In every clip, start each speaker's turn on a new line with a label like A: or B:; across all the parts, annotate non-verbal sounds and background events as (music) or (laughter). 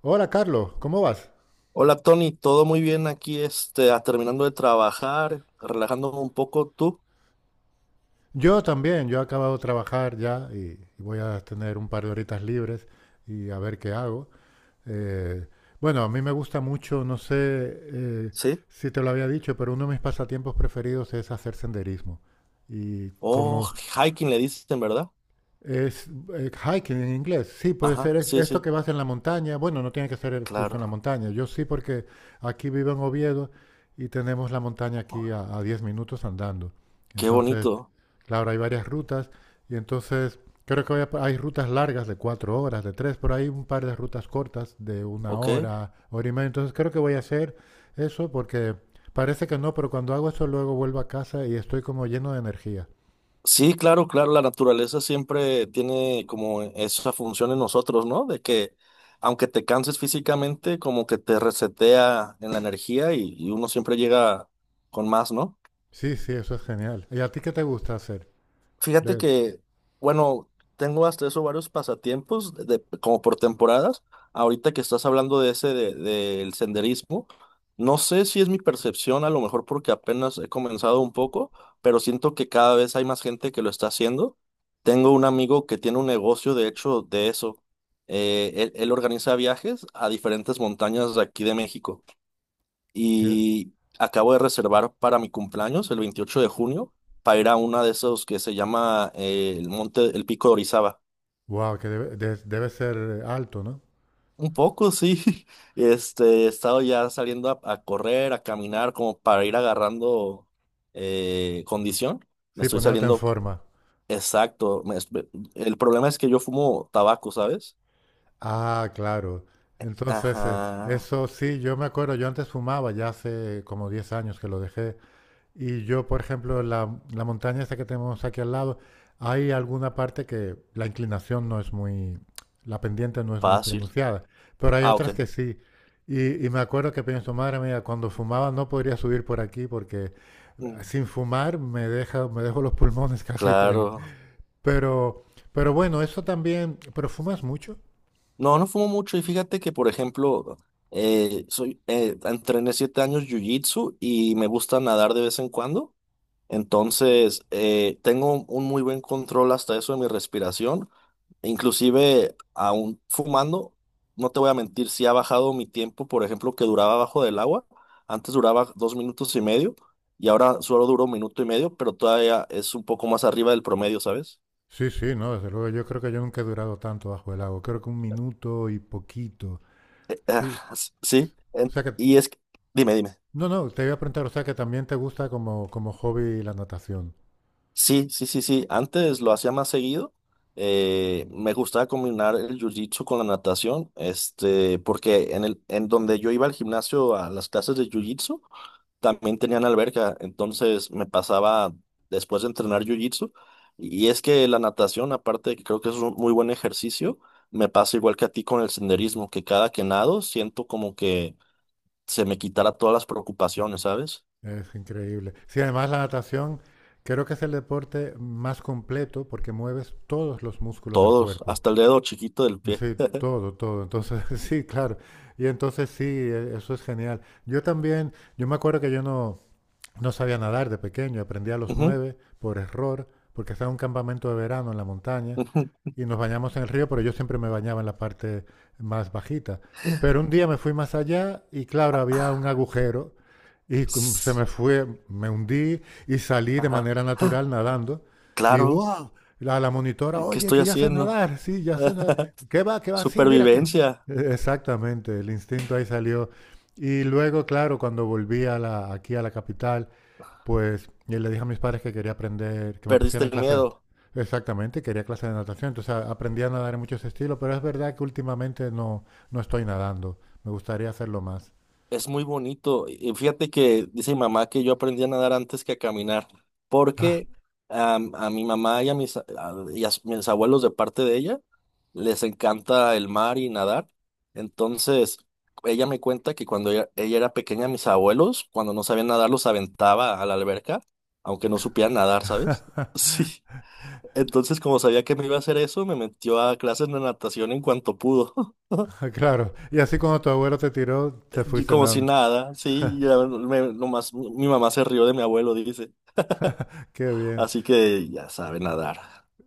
A: Hola Carlos, ¿cómo vas?
B: Hola Tony, todo muy bien aquí, este, terminando de trabajar, relajándome un poco, ¿tú?
A: Yo también, yo he acabado de trabajar ya y voy a tener un par de horitas libres y a ver qué hago. Eh, bueno, a mí me gusta mucho, no sé,
B: ¿Sí?
A: si te lo había dicho, pero uno de mis pasatiempos preferidos es hacer senderismo. Y
B: Oh,
A: como
B: hiking le dicen, ¿verdad?
A: es hiking en inglés, sí, puede
B: Ajá,
A: ser
B: sí,
A: esto
B: sí,
A: que vas en la montaña, bueno, no tiene que ser justo en la
B: claro.
A: montaña, yo sí porque aquí vivo en Oviedo y tenemos la montaña aquí a 10 minutos andando.
B: Qué
A: Entonces...
B: bonito.
A: Claro, hay varias rutas y entonces creo que voy, hay rutas largas de cuatro horas, de tres, pero hay un par de rutas cortas de una
B: ¿Ok?
A: hora, hora y media. Entonces creo que voy a hacer eso porque parece que no, pero cuando hago eso luego vuelvo a casa y estoy como lleno de energía.
B: Sí, claro, claro, la naturaleza siempre tiene como esa función en nosotros, ¿no? De que aunque te canses físicamente, como que te resetea en la energía y uno siempre llega con más, ¿no?
A: Sí, sí, eso es genial. ¿Y a ti qué te gusta hacer?
B: Fíjate
A: De,
B: que, bueno, tengo hasta eso varios pasatiempos, como por temporadas. Ahorita que estás hablando de ese, del senderismo, no sé si es mi percepción, a lo mejor porque apenas he comenzado un poco, pero siento que cada vez hay más gente que lo está haciendo. Tengo un amigo que tiene un negocio, de hecho, de eso. Él organiza viajes a diferentes montañas de aquí de México
A: que,
B: y acabo de reservar para mi cumpleaños, el 28 de junio, para ir a una de esos que se llama el Pico de Orizaba.
A: wow, que debe, debe ser alto, ¿no?
B: Un poco, sí. (laughs) He estado ya saliendo a correr, a caminar, como para ir agarrando condición. Me
A: Sí,
B: estoy
A: poniéndote en
B: saliendo,
A: forma.
B: exacto. El problema es que yo fumo tabaco, ¿sabes?
A: Ah, claro. Entonces,
B: Ajá,
A: eso sí, yo me acuerdo, yo antes fumaba, ya hace como 10 años que lo dejé. Y yo, por ejemplo, la montaña esta que tenemos aquí al lado, hay alguna parte que la inclinación no es muy, la pendiente no es muy
B: fácil.
A: pronunciada, pero hay
B: Ah, ok.
A: otras que sí. Y me acuerdo que pienso, madre mía, cuando fumaba no podría subir por aquí porque
B: Mm.
A: sin fumar me deja, me dejo los pulmones (laughs) casi.
B: Claro.
A: Pero, pero bueno, eso también. ¿Pero fumas mucho?
B: No, no fumo mucho y fíjate que, por ejemplo, entrené 7 años jiu-jitsu y me gusta nadar de vez en cuando. Entonces, tengo un muy buen control hasta eso de mi respiración. Inclusive, aún fumando, no te voy a mentir, sí ha bajado mi tiempo, por ejemplo, que duraba bajo del agua. Antes duraba 2 minutos y medio y ahora solo duro 1 minuto y medio, pero todavía es un poco más arriba del promedio, ¿sabes?
A: Sí, sí, no, desde luego. Yo creo que yo nunca he durado tanto bajo el agua. Creo que un minuto y poquito.
B: Ah,
A: Sí.
B: sí,
A: O sea que
B: y es... que- dime, dime.
A: no, no, te iba a preguntar, o sea, que también te gusta como, como hobby la natación.
B: Sí, sí, sí, sí. Antes lo hacía más seguido. Me gustaba combinar el jiu-jitsu con la natación, porque en donde yo iba al gimnasio a las clases de jiu-jitsu, también tenían alberca. Entonces me pasaba después de entrenar jiu-jitsu. Y es que la natación, aparte de que creo que es un muy buen ejercicio, me pasa igual que a ti con el senderismo, que cada que nado siento como que se me quitara todas las preocupaciones, ¿sabes?
A: Es increíble. Sí, además la natación creo que es el deporte más completo porque mueves todos los músculos del
B: Todos,
A: cuerpo.
B: hasta el dedo chiquito del pie.
A: Sí, todo, todo. Entonces, (laughs) sí, claro. Y entonces sí, eso es genial. Yo también, yo me acuerdo que yo no, no sabía nadar de pequeño. Aprendí a los
B: Ujú.
A: nueve por error, porque estaba en un campamento de verano en la montaña
B: Ujú.
A: y nos bañamos en el río, pero yo siempre me bañaba en la parte más bajita. Pero un día me fui más allá y claro, había un agujero y se
B: Ss,
A: me fue, me hundí y salí de
B: Ajá,
A: manera natural nadando. Y
B: claro.
A: wow, la monitora,
B: ¿Y qué
A: oye,
B: estoy
A: que ya sé
B: haciendo?
A: nadar, sí, ya sé nadar.
B: (laughs)
A: ¿Qué va? ¿Qué va? Sí, mira que...
B: Supervivencia.
A: Exactamente, el instinto ahí salió. Y luego, claro, cuando volví a la, aquí a la capital, pues yo le dije a mis padres que quería aprender, que me
B: Perdiste
A: pusieran en
B: el
A: clase.
B: miedo.
A: Exactamente, quería clase de natación. Entonces aprendí a nadar en muchos estilos, pero es verdad que últimamente no, no estoy nadando. Me gustaría hacerlo más.
B: Es muy bonito. Y fíjate que dice mi mamá que yo aprendí a nadar antes que a caminar,
A: Ah,
B: porque a mi mamá y y a mis abuelos de parte de ella les encanta el mar y nadar. Entonces, ella me cuenta que cuando ella era pequeña, mis abuelos, cuando no sabían nadar, los aventaba a la alberca, aunque no supieran nadar, ¿sabes? (laughs)
A: (laughs)
B: Sí. Entonces, como sabía que me iba a hacer eso, me metió a clases de natación en cuanto pudo. (laughs)
A: claro. Y así cuando tu abuelo te tiró, te
B: Y
A: fuiste
B: como si
A: nadando.
B: nada, sí, nomás mi mamá se rió de mi abuelo, dice.
A: Qué bien.
B: Así que ya sabe nadar.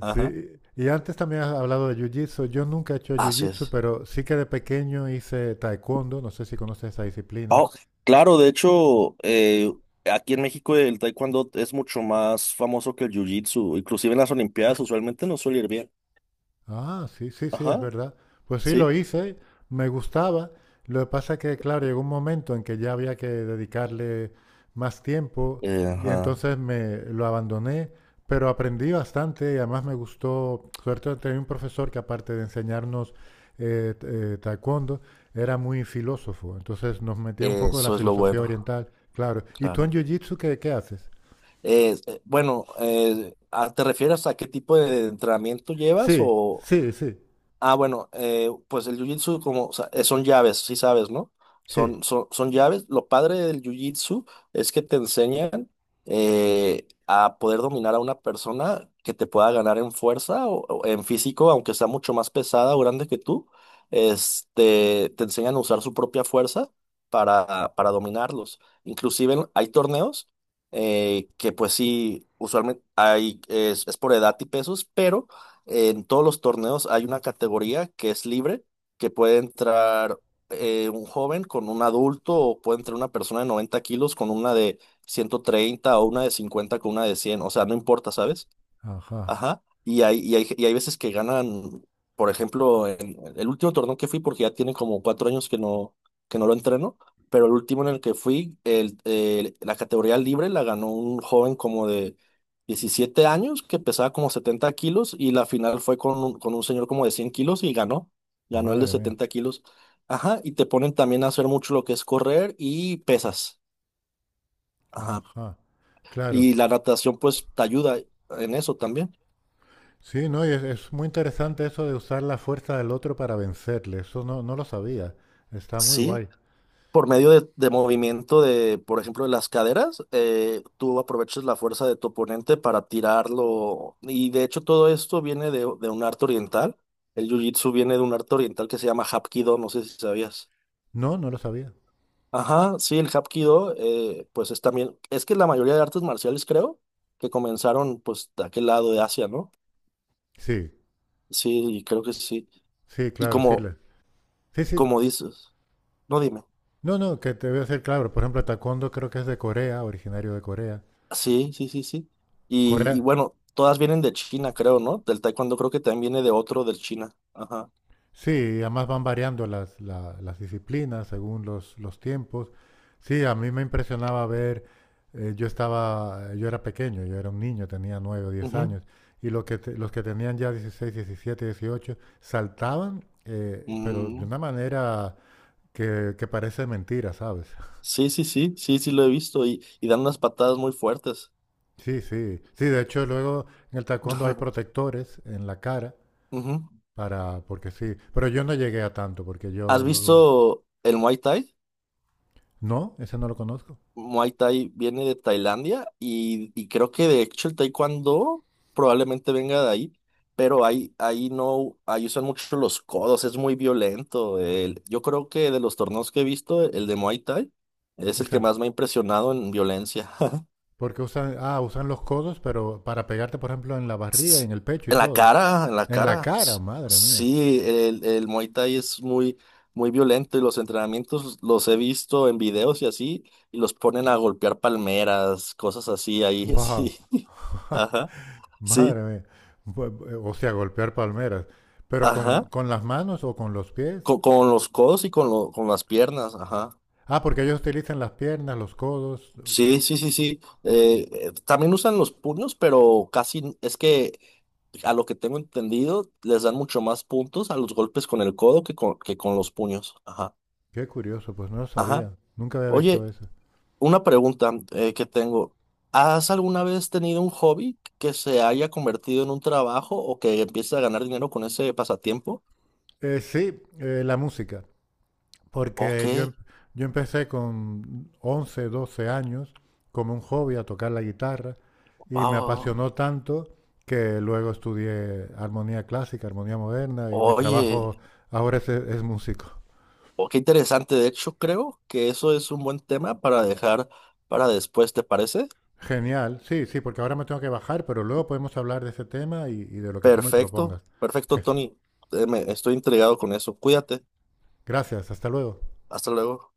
B: Ajá,
A: Sí. Y antes también has hablado de jiu-jitsu. Yo nunca he hecho
B: así
A: jiu-jitsu,
B: es.
A: pero sí que de pequeño hice taekwondo. No sé si conoces esa disciplina.
B: Oh, claro, de hecho, aquí en México el taekwondo es mucho más famoso que el jiu-jitsu, inclusive en las Olimpiadas usualmente no suele ir bien.
A: Ah, sí, sí, sí, es
B: Ajá,
A: verdad. Pues sí, lo
B: sí.
A: hice, me gustaba. Lo que pasa que, claro, llegó un momento en que ya había que dedicarle más tiempo y
B: Ajá.
A: entonces me lo abandoné, pero aprendí bastante y además me gustó. Suerte tenía un profesor que aparte de enseñarnos taekwondo, era muy filósofo. Entonces nos metía un poco de la
B: Eso es lo
A: filosofía
B: bueno,
A: oriental, claro. ¿Y tú en
B: claro.
A: jiu-jitsu qué, qué haces?
B: Bueno, ¿te refieres a qué tipo de entrenamiento llevas
A: Sí,
B: o?
A: sí, sí,
B: Ah, bueno, pues el jiu-jitsu como, o sea, son llaves, sí sabes, ¿no?
A: sí.
B: Son llaves. Lo padre del jiu-jitsu es que te enseñan a poder dominar a una persona que te pueda ganar en fuerza o en físico, aunque sea mucho más pesada o grande que tú. Te enseñan a usar su propia fuerza para dominarlos. Inclusive hay torneos que pues sí, usualmente es por edad y pesos, pero en todos los torneos hay una categoría que es libre, que puede entrar un joven con un adulto o puede entrar una persona de 90 kilos con una de 130 o una de 50 con una de cien. O sea, no importa, ¿sabes?
A: Ajá,
B: Ajá. Y hay veces que ganan, por ejemplo, en el último torneo que fui, porque ya tiene como 4 años que no lo entreno, pero el último en el que fui, la categoría libre la ganó un joven como de 17 años que pesaba como 70 kilos y la final fue con un señor como de 100 kilos y ganó el de
A: madre mía.
B: 70 kilos. Ajá, y te ponen también a hacer mucho lo que es correr y pesas. Ajá.
A: Ajá, claro.
B: Y la natación pues te ayuda en eso también.
A: Sí, no, y es muy interesante eso de usar la fuerza del otro para vencerle. Eso no, no lo sabía. Está muy
B: Sí,
A: guay.
B: por medio de movimiento de, por ejemplo, de las caderas. Tú aprovechas la fuerza de tu oponente para tirarlo. Y de hecho todo esto viene de un arte oriental. El jiu-jitsu viene de un arte oriental que se llama Hapkido, no sé si sabías.
A: No, no lo sabía.
B: Ajá, sí, el Hapkido, pues es también, es que la mayoría de artes marciales creo que comenzaron pues de aquel lado de Asia, ¿no?
A: Sí,
B: Sí, y creo que sí.
A: sí,
B: Y
A: claro, sí.
B: como,
A: Sí, sí.
B: como dices, no, dime.
A: No, no, que te voy a decir claro. Por ejemplo, el taekwondo creo que es de Corea, originario de Corea.
B: Sí, sí, sí, sí. Y
A: Corea,
B: bueno, todas vienen de China, creo, ¿no? Del taekwondo creo que también viene de otro del China. Ajá.
A: sí, además van variando las, las disciplinas según los tiempos. Sí, a mí me impresionaba ver, yo estaba, yo era pequeño, yo era un niño, tenía 9 o diez
B: Ujú.
A: años, y los que, los que tenían ya 16, 17, 18 saltaban, pero de
B: Mm.
A: una manera que parece mentira, ¿sabes? (laughs)
B: Sí, sí, sí, sí, sí lo he visto y dan unas patadas muy fuertes.
A: Sí, sí, sí, de hecho luego en el taekwondo hay
B: (laughs)
A: protectores en la cara
B: Ujú.
A: para, porque sí, pero yo no llegué a tanto, porque
B: ¿Has
A: yo luego,
B: visto el Muay Thai?
A: no, ese no lo conozco.
B: Muay Thai viene de Tailandia y creo que de hecho el Taekwondo probablemente venga de ahí, pero ahí no, ahí usan mucho los codos, es muy violento. Yo creo que de los torneos que he visto, el de Muay Thai es el
A: Es
B: que
A: el
B: más me ha impresionado en violencia. (laughs)
A: porque usan, ah, usan los codos, pero para pegarte, por ejemplo, en la barriga,
B: s-
A: en el pecho y
B: En la
A: todo.
B: cara, en la
A: En la
B: cara.
A: cara, madre mía.
B: Sí, el Muay Thai es muy, muy violento y los entrenamientos los he visto en videos y así, y los ponen a golpear palmeras, cosas así ahí, (laughs)
A: Wow.
B: sí.
A: (laughs)
B: Ajá,
A: Madre
B: sí,
A: mía. O sea, golpear palmeras. Pero
B: ajá.
A: con las manos o con los pies.
B: Con los codos y con las piernas, ajá.
A: Ah, porque ellos utilizan las piernas, los codos.
B: Sí, sí, sí, sí. También usan los puños, pero es que a lo que tengo entendido, les dan mucho más puntos a los golpes con el codo que con los puños. Ajá.
A: Qué curioso, pues no lo
B: Ajá.
A: sabía. Nunca había visto
B: Oye,
A: eso.
B: una pregunta que tengo. ¿Has alguna vez tenido un hobby que se haya convertido en un trabajo o que empieces a ganar dinero con ese pasatiempo?
A: Sí, la música.
B: Ok,
A: Porque yo, yo empecé con 11 12 años como un hobby a tocar la guitarra. Y me
B: wow.
A: apasionó tanto que luego estudié armonía clásica, armonía moderna y mi
B: Oye,
A: trabajo ahora es músico.
B: oh, qué interesante. De hecho, creo que eso es un buen tema para dejar para después, ¿te parece?
A: Genial, sí, sí, porque ahora me tengo que bajar, pero luego podemos hablar de ese tema y de lo que tú me propongas.
B: Perfecto, perfecto,
A: Je,
B: Tony. Estoy intrigado con eso. Cuídate.
A: gracias, hasta luego.
B: Hasta luego.